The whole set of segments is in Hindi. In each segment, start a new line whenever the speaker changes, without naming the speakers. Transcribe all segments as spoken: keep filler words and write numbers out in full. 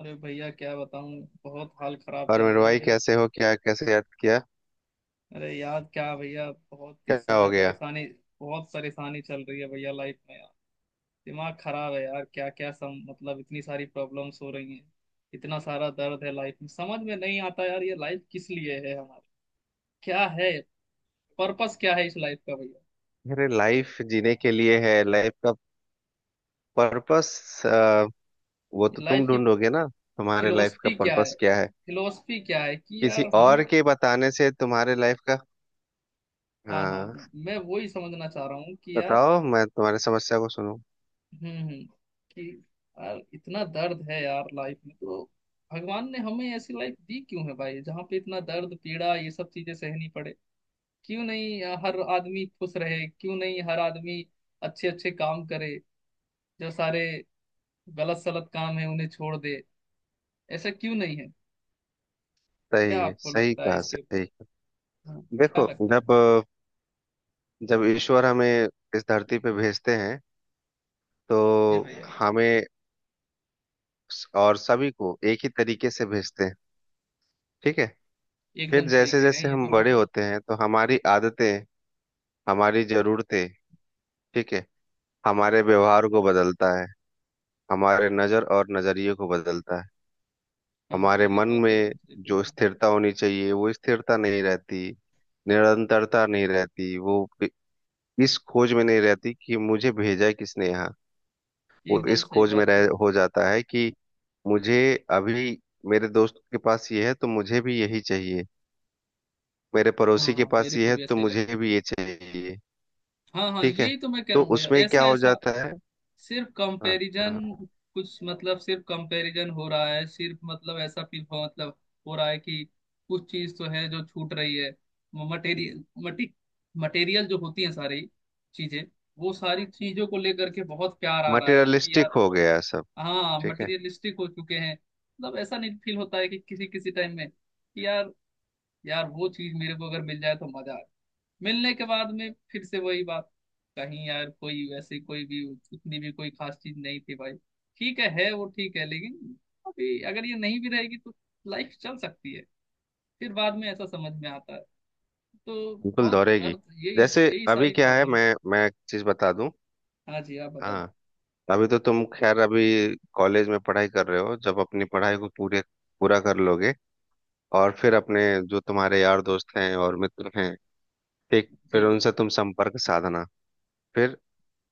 अरे भैया क्या बताऊं, बहुत हाल खराब
और
चल
मेरे
रहे हैं
भाई
मेरे।
कैसे हो? क्या, कैसे याद किया?
अरे यार क्या भैया, बहुत इस
क्या हो
समय
गया?
परेशानी। बहुत परेशानी चल रही है भैया लाइफ में यार। दिमाग खराब है यार। क्या क्या सम मतलब इतनी सारी प्रॉब्लम्स हो रही हैं। इतना सारा दर्द है लाइफ में, समझ में नहीं आता यार ये लाइफ किस लिए है हमारी। क्या है? पर्पस क्या है इस लाइफ का भैया?
अरे, लाइफ जीने के लिए है। लाइफ का पर्पस वो तो
ये लाइफ
तुम
की
ढूंढोगे ना, तुम्हारे लाइफ का
फिलोसफी क्या है
पर्पस क्या है।
फिलोसफी क्या है कि
किसी
यार हम।
और के बताने से तुम्हारे लाइफ का...
हाँ हाँ,
हाँ,
मैं वही समझना चाह रहा हूँ कि यार
बताओ मैं तुम्हारी समस्या को सुनूं।
हम्म हम्म, कि यार इतना दर्द है यार लाइफ में तो। भगवान ने हमें ऐसी लाइफ दी क्यों है भाई, जहाँ पे इतना दर्द, पीड़ा, ये सब चीजें सहनी पड़े? क्यों नहीं अ, हर आदमी खुश रहे, क्यों नहीं हर आदमी अच्छे अच्छे काम करे, जो सारे गलत सलत काम है उन्हें छोड़ दे? ऐसा क्यों नहीं है? क्या
सही है,
आपको
सही
लगता है
कहा,
इसके ऊपर?
सही कहा।
हाँ क्या
देखो,
लगता है?
जब जब ईश्वर हमें इस धरती पे भेजते हैं,
ये
तो
भैया
हमें और सभी को एक ही तरीके से भेजते हैं। ठीक है। फिर
एकदम सही
जैसे
कह रहे
जैसे
हैं, ये
हम
तो
बड़े
बात आप।
होते हैं, तो हमारी आदतें, हमारी जरूरतें, ठीक है, हमारे व्यवहार को बदलता है, हमारे नजर और नजरिए को बदलता है।
हाँ हाँ,
हमारे
ये
मन
बात एकदम
में
सही बोल
जो
रहे
स्थिरता होनी चाहिए वो स्थिरता नहीं रहती, निरंतरता नहीं रहती। वो इस खोज में नहीं रहती कि मुझे भेजा है किसने यहाँ।
हैं।
वो
एकदम
इस
सही
खोज में
बात कह रहे
रह
हैं।
हो जाता है कि मुझे अभी मेरे दोस्त के पास ये है तो मुझे भी यही चाहिए, मेरे
हाँ
पड़ोसी के
हाँ,
पास
मेरे
ये
को
है
भी
तो
ऐसा ही
मुझे
लगता है।
भी ये चाहिए।
हाँ हाँ,
ठीक है,
यही तो मैं कह
तो
रहा हूँ भैया,
उसमें क्या
ऐसा
हो
ऐसा
जाता है?
सिर्फ कंपैरिजन। कुछ मतलब सिर्फ कंपैरिजन हो रहा है, सिर्फ मतलब ऐसा फील हो, मतलब हो रहा है कि कुछ चीज तो है जो छूट रही है। मटेरियल मटी मटेरियल जो होती है सारी चीजें, वो सारी चीजों को लेकर के बहुत प्यार आ रहा है कि
मटेरियलिस्टिक
यार।
हो गया सब।
हाँ,
ठीक है,
मटेरियलिस्टिक हो चुके हैं, मतलब ऐसा नहीं फील होता है कि किसी किसी टाइम में कि यार, यार वो चीज मेरे को अगर मिल जाए तो मजा आ, मिलने के बाद में फिर से वही बात। कहीं यार, कोई वैसे कोई भी उतनी भी कोई खास चीज नहीं थी भाई। ठीक है, है वो ठीक है लेकिन अभी अगर ये नहीं भी रहेगी तो लाइफ चल सकती है। फिर बाद में ऐसा समझ में आता है, तो
बिल्कुल
बहुत
दौड़ेगी।
अर्थ यही।
जैसे
यही
अभी
सारी
क्या है,
प्रॉब्लम्स
मैं मैं एक चीज बता दूं।
है। हाँ जी, आप बता।
हाँ, अभी तो तुम, खैर, अभी कॉलेज में पढ़ाई कर रहे हो। जब अपनी पढ़ाई को पूरे पूरा कर लोगे, और फिर अपने जो तुम्हारे यार दोस्त हैं और मित्र हैं, ठीक, फिर
जी भैया।
उनसे तुम संपर्क साधना। फिर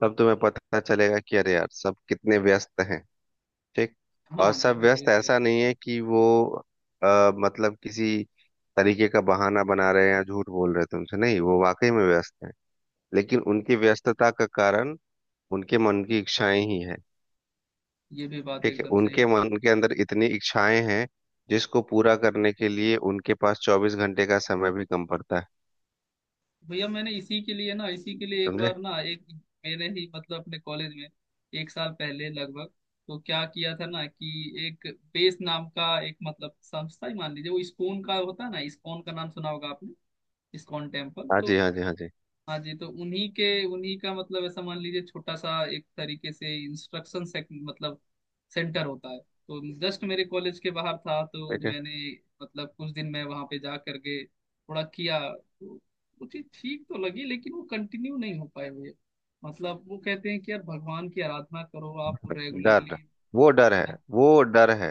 तब तुम्हें पता चलेगा कि अरे यार सब कितने व्यस्त हैं। ठीक। और
हाँ, मैं
सब
भी वही
व्यस्त,
कह रहा
ऐसा
हूँ।
नहीं है कि वो आ, मतलब किसी तरीके का बहाना बना रहे हैं या झूठ बोल रहे हैं तुमसे, नहीं, वो वाकई में व्यस्त हैं। लेकिन उनकी व्यस्तता का कारण उनके मन की इच्छाएं ही हैं।
ये भी बात
ठीक है,
एकदम सही
उनके
है।
मन के अंदर इतनी इच्छाएं हैं जिसको पूरा करने के लिए उनके पास चौबीस घंटे का समय भी कम पड़ता है।
भैया, मैंने इसी के लिए ना, इसी के लिए एक
समझे?
बार ना, एक मैंने ही मतलब अपने कॉलेज में एक साल पहले लगभग, तो क्या किया था ना कि एक बेस नाम का एक मतलब संस्था ही मान लीजिए, वो इस्कॉन का होता है ना। इस्कॉन का नाम सुना होगा आपने, इस्कॉन टेम्पल
हाँ
तो?
जी, हाँ जी, हाँ जी।
हाँ जी, तो उन्हीं के, उन्हीं का मतलब ऐसा मान लीजिए छोटा सा एक तरीके से इंस्ट्रक्शन से, मतलब सेंटर होता है, तो जस्ट मेरे कॉलेज के बाहर था, तो
ठीक है।
मैंने मतलब कुछ दिन मैं वहां पे जा करके थोड़ा किया, तो मुझे ठीक तो लगी लेकिन वो कंटिन्यू नहीं हो पाए हुए। मतलब वो कहते हैं कि यार भगवान की आराधना करो आप
डर,
रेगुलरली।
वो डर है, वो डर है,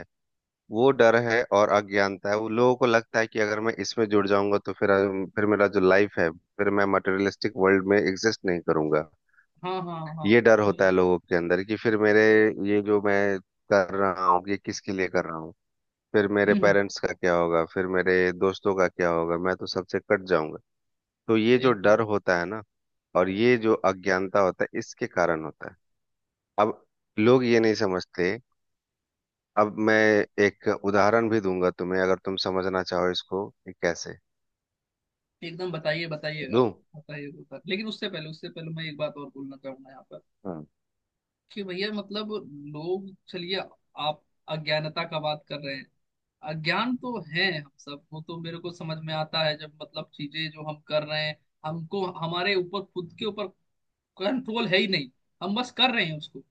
वो डर है, और अज्ञानता है। वो, लोगों को लगता है कि अगर मैं इसमें जुड़ जाऊंगा तो फिर फिर मेरा जो लाइफ है, फिर मैं मटेरियलिस्टिक वर्ल्ड में एग्जिस्ट नहीं करूंगा।
हाँ हाँ हाँ,
ये डर होता है
वही।
लोगों के अंदर कि फिर मेरे, ये जो मैं कर रहा हूँ ये किसके लिए कर रहा हूँ, फिर मेरे
हम्म, हम्म,
पेरेंट्स का क्या होगा, फिर मेरे दोस्तों का क्या होगा, मैं तो सबसे कट जाऊंगा। तो ये जो डर
एकदम
होता है ना, और ये जो अज्ञानता होता है, इसके कारण होता है। अब लोग ये नहीं समझते। अब मैं एक उदाहरण भी दूंगा तुम्हें, अगर तुम समझना चाहो इसको कि कैसे
एकदम, बताइए बताइए आप।
दूं।
बताइए बताइए, लेकिन उससे पहले, उससे पहले मैं एक बात और बोलना चाहूंगा यहाँ पर
हाँ
कि भैया, मतलब लोग चलिए आप अज्ञानता का बात कर रहे हैं, अज्ञान तो है हम सब, वो तो मेरे को समझ में आता है। जब मतलब चीजें जो हम कर रहे हैं, हमको हमारे ऊपर, खुद के ऊपर कंट्रोल है ही नहीं, हम बस कर रहे हैं उसको।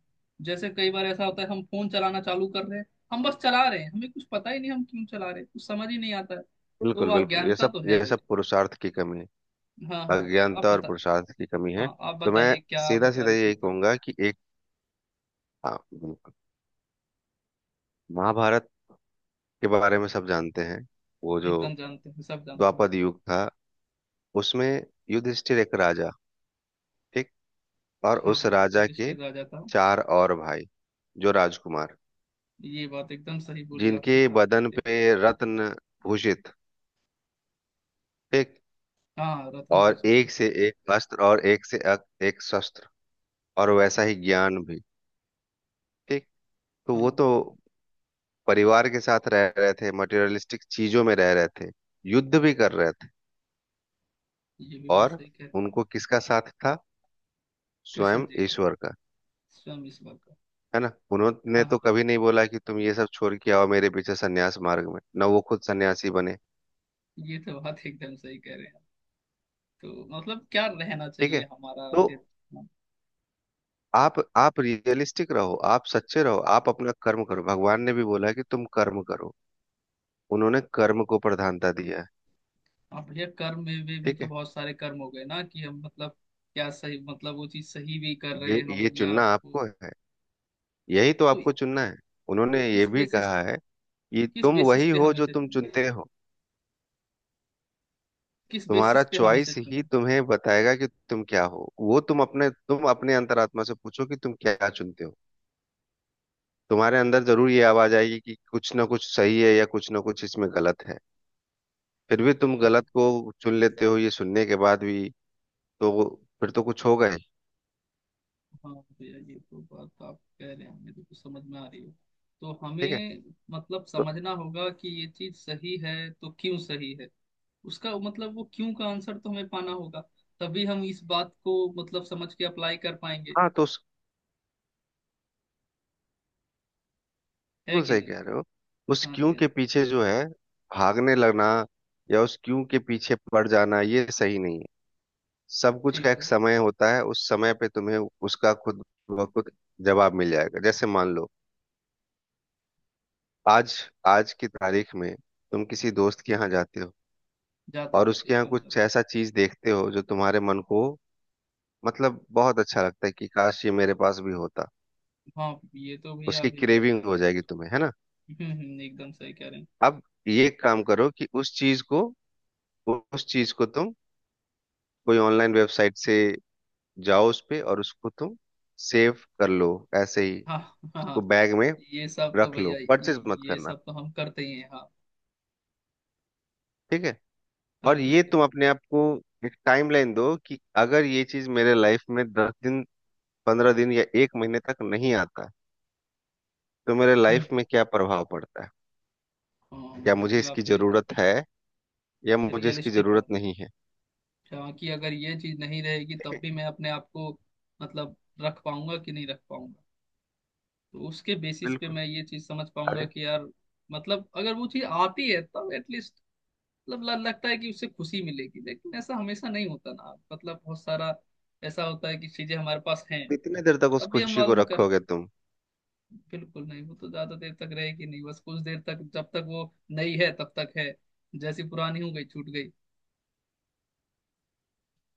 जैसे कई बार ऐसा होता है, हम फोन चलाना चालू कर रहे हैं, हम बस चला रहे हैं, हमें कुछ पता ही नहीं हम क्यों चला रहे हैं, कुछ समझ ही नहीं आता है। तो वो
बिल्कुल, बिल्कुल, ये
अज्ञानता
सब,
तो है
ये सब
भैया।
पुरुषार्थ की कमी है।
हाँ हाँ, आप
अज्ञानता और
बता।
पुरुषार्थ की कमी है।
हाँ, आप
तो मैं
बताइए, क्या आप
सीधा
बता
सीधा
रहे थे
यही
एकदम,
कहूंगा कि एक, हाँ बिल्कुल, महाभारत के बारे में सब जानते हैं। वो जो
एकदम जानते हैं, सब जानते हैं।
द्वापर युग था, उसमें युधिष्ठिर एक राजा, ठीक, और
हाँ
उस
हाँ,
राजा के
युधिष्ठिर राजा था।
चार और भाई जो राजकुमार,
ये बात एकदम सही बोली
जिनके
आपने, चार भाई
बदन
थे।
पे रत्न भूषित, ठीक,
हाँ, रत्न
और
दूषित थे।
एक से एक अस्त्र और एक से अक- एक शस्त्र, और वैसा ही ज्ञान भी। ठीक। तो
हाँ
वो
हाँ,
तो परिवार के साथ रह रहे थे, मटेरियलिस्टिक चीजों में रह रहे थे, युद्ध भी कर रहे थे,
ये भी बात
और
सही कह रहे हैं।
उनको किसका साथ था?
कृष्ण
स्वयं
जी का,
ईश्वर का।
स्वयं ईश्वर का।
है ना, उन्होंने
हाँ हाँ
तो
जी,
कभी नहीं बोला कि तुम ये सब छोड़ के आओ मेरे पीछे सन्यास मार्ग में, ना वो खुद सन्यासी बने।
ये तो बात एकदम सही कह रहे हैं आप। तो मतलब क्या रहना
ठीक है,
चाहिए हमारा
तो
फिर?
आप आप रियलिस्टिक रहो, आप सच्चे रहो, आप अपना कर्म करो। भगवान ने भी बोला है कि तुम कर्म करो, उन्होंने कर्म को प्रधानता दिया है।
आप भैया कर्म में में भी
ठीक
तो
है।
बहुत सारे कर्म हो गए ना कि हम मतलब, क्या सही मतलब वो चीज सही भी कर
ये
रहे हैं
ये
हम या
चुनना
वो?
आपको है, यही तो
तो
आपको चुनना है। उन्होंने ये
किस
भी
बेसिस,
कहा है कि
किस
तुम
बेसिस
वही
पे
हो
हम
जो
इसे
तुम
चुने,
चुनते हो।
किस
तुम्हारा
बेसिस पे हम इसे
चॉइस ही
चुने?
तुम्हें बताएगा कि तुम क्या हो। वो तुम अपने, तुम अपने अंतरात्मा से पूछो कि तुम क्या चुनते हो। तुम्हारे अंदर जरूर ये आवाज आएगी कि कुछ ना कुछ सही है या कुछ ना कुछ इसमें गलत है। फिर भी तुम गलत को चुन लेते हो ये सुनने के बाद भी। तो फिर तो कुछ होगा ही।
हाँ भैया, ये तो बात आप कह रहे हैं हमें देखो समझ में आ रही है। तो
ठीक है।
हमें मतलब
तो
समझना होगा कि ये चीज सही है तो क्यों सही है, उसका मतलब वो क्यों का आंसर तो हमें पाना होगा, तभी हम इस बात को मतलब समझ के अप्लाई कर पाएंगे,
हाँ, तो उस,
है
बिल्कुल
कि
सही
नहीं?
कह रहे हो। उस
हाँ
क्यों
जी, हाँ।
के पीछे जो है, भागने लगना, या उस क्यों के पीछे पड़ जाना ये सही नहीं है। सब कुछ का
ठीक
एक
है।
समय होता है, उस समय पे तुम्हें उसका खुद ब खुद जवाब मिल जाएगा। जैसे मान लो, आज, आज की तारीख में तुम किसी दोस्त के यहाँ जाते हो,
जाता
और
हूँ,
उसके यहाँ
एकदम
कुछ
जाता हूँ।
ऐसा चीज देखते हो जो तुम्हारे मन को, मतलब बहुत अच्छा लगता है, कि काश ये मेरे पास भी होता।
हाँ ये तो भैया
उसकी
अभी भी लगता
क्रेविंग
है
हो
कभी
जाएगी
कभी।
तुम्हें, है ना।
हम्म हम्म, हम्म, एकदम सही कह रहे हैं।
अब ये काम करो कि उस चीज को, उस चीज को तुम कोई ऑनलाइन वेबसाइट से, जाओ उस पे और उसको तुम सेव कर लो, ऐसे ही
हाँ हाँ
उसको
हाँ,
बैग में
ये सब तो
रख लो,
भैया
परचेज
ये
मत
ये
करना।
सब तो हम करते ही हैं हाँ।
ठीक है।
हाँ,
और ये
ठीक है।
तुम अपने आप को एक टाइमलाइन दो कि अगर ये चीज मेरे लाइफ में दस दिन, पंद्रह दिन या एक महीने तक नहीं आता है, तो मेरे
हम्म।
लाइफ में क्या प्रभाव पड़ता है,
हाँ,
क्या मुझे
ये आप
इसकी
सही कह,
जरूरत है या मुझे इसकी
रियलिस्टिक बात,
जरूरत नहीं है।
जहाँ कि अगर ये चीज नहीं रहेगी
ठीक
तब
है,
भी मैं अपने आप को मतलब रख पाऊंगा कि नहीं रख पाऊंगा। तो उसके बेसिस पे
बिल्कुल।
मैं ये चीज समझ पाऊंगा
अरे,
कि यार मतलब अगर वो चीज आती है तब एटलीस्ट, मतलब ल- लगता है कि उससे खुशी मिलेगी, लेकिन ऐसा हमेशा नहीं होता ना। मतलब बहुत सारा ऐसा होता है कि चीजें हमारे पास हैं,
कितने देर तक उस
तब भी हम
खुशी को
मालूम कर,
रखोगे तुम।
बिल्कुल नहीं, वो तो ज्यादा देर तक रहेगी नहीं, बस कुछ देर तक जब तक वो नई है तब तक है, जैसी पुरानी हो गई, छूट गई।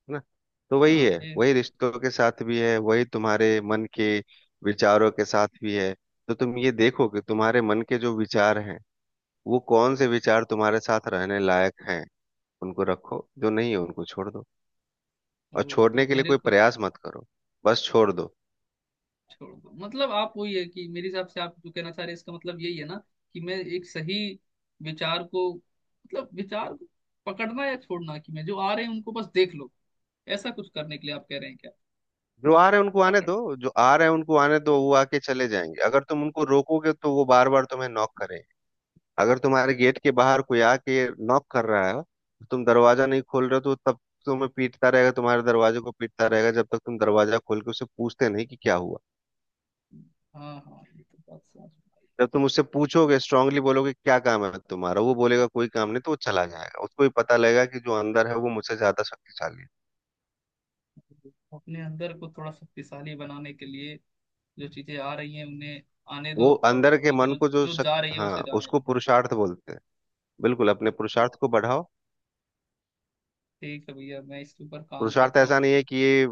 है ना। तो वही
हाँ
है,
ये
वही
तो,
रिश्तों के साथ भी है, वही तुम्हारे मन के विचारों के साथ भी है। तो तुम ये देखो कि तुम्हारे मन के जो विचार हैं, वो कौन से विचार तुम्हारे साथ रहने लायक हैं, उनको रखो, जो नहीं है उनको छोड़ दो। और
ओ, तो
छोड़ने के लिए
मेरे
कोई
को
प्रयास मत करो, बस छोड़ दो।
छोड़ दो, मतलब आप वही है कि मेरे हिसाब से आप जो कहना चाह रहे हैं इसका मतलब यही है ना, कि मैं एक सही विचार को, मतलब विचार को पकड़ना या छोड़ना, कि मैं जो आ रहे हैं उनको बस देख लो, ऐसा कुछ करने के लिए आप कह रहे हैं क्या?
जो आ रहे हैं उनको आने
पकड़।
दो, जो आ रहे हैं उनको आने दो, वो आके चले जाएंगे। अगर तुम उनको रोकोगे, तो वो बार बार तुम्हें नॉक करेंगे। अगर तुम्हारे गेट के बाहर कोई आके नॉक कर रहा है, तुम दरवाजा नहीं खोल रहे हो, तो वो तब तुम्हें पीटता रहेगा, तुम्हारे दरवाजे को पीटता रहेगा, जब तक तुम दरवाजा खोल के उससे पूछते नहीं कि क्या हुआ।
हाँ हाँ, ये तो बात समझ में
जब तुम उससे पूछोगे, स्ट्रांगली बोलोगे क्या काम है तुम्हारा, वो बोलेगा कोई काम नहीं, तो वो चला जाएगा, उसको भी पता लगेगा कि जो अंदर है वो मुझसे ज्यादा शक्तिशाली है।
आई। अपने अंदर को थोड़ा शक्तिशाली बनाने के लिए जो चीजें आ रही हैं उन्हें आने दो,
वो
और
अंदर के
जो
मन
जो
को जो
जो
शक...
जा रही है
हाँ,
उसे जाने
उसको
दो।
पुरुषार्थ बोलते हैं। बिल्कुल, अपने पुरुषार्थ को बढ़ाओ।
ठीक है भैया, मैं इसके ऊपर काम
पुरुषार्थ
करता
ऐसा
हूँ।
नहीं है कि ये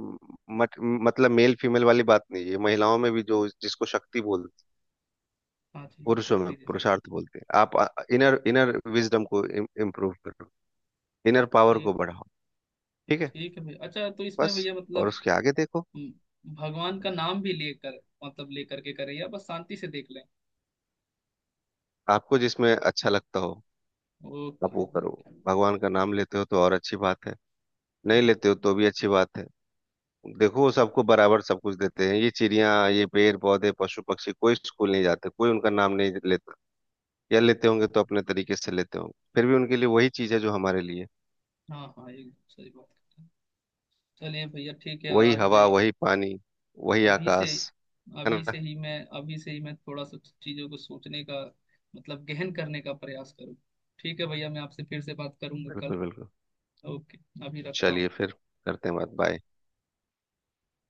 मत, मतलब मेल फीमेल वाली बात नहीं है ये, महिलाओं में भी जो जिसको शक्ति बोलते हैं,
हाँ जी,
पुरुषों में
शक्ति जैसे।
पुरुषार्थ बोलते हैं। आप इनर इनर विजडम को इम्प्रूव करो, इनर पावर को
ठीक।
बढ़ाओ। ठीक है,
ठीक है भैया, अच्छा तो इसमें
बस,
भैया
और
मतलब
उसके आगे देखो,
हम्म, भगवान का नाम भी लेकर, मतलब लेकर के करें या बस शांति से देख लें?
आपको जिसमें अच्छा लगता हो आप
ओके
वो करो।
ओके।
भगवान का नाम लेते हो तो और अच्छी बात है, नहीं
हम्म।
लेते हो तो भी अच्छी बात है। देखो, वो
ठीक।
सबको बराबर सब कुछ देते हैं, ये चिड़िया, ये पेड़ पौधे, पशु पक्षी, कोई स्कूल नहीं जाते, कोई उनका नाम नहीं लेता, या लेते होंगे तो अपने तरीके से लेते होंगे। फिर भी उनके लिए वही चीज है जो हमारे लिए,
हाँ हाँ, एकदम सही बात कर रहे हैं। चलिए भैया ठीक है,
वही
आज
हवा,
मैं
वही पानी, वही
अभी से,
आकाश। है
अभी से
ना,
ही मैं अभी से ही मैं थोड़ा सा चीज़ों को सोचने का, मतलब गहन करने का प्रयास करूँ। ठीक है भैया, मैं आपसे फिर से बात करूंगा कल।
बिल्कुल बिल्कुल,
ओके। अभी रखता हूँ।
चलिए फिर करते हैं बात।
ठीक।
बाय।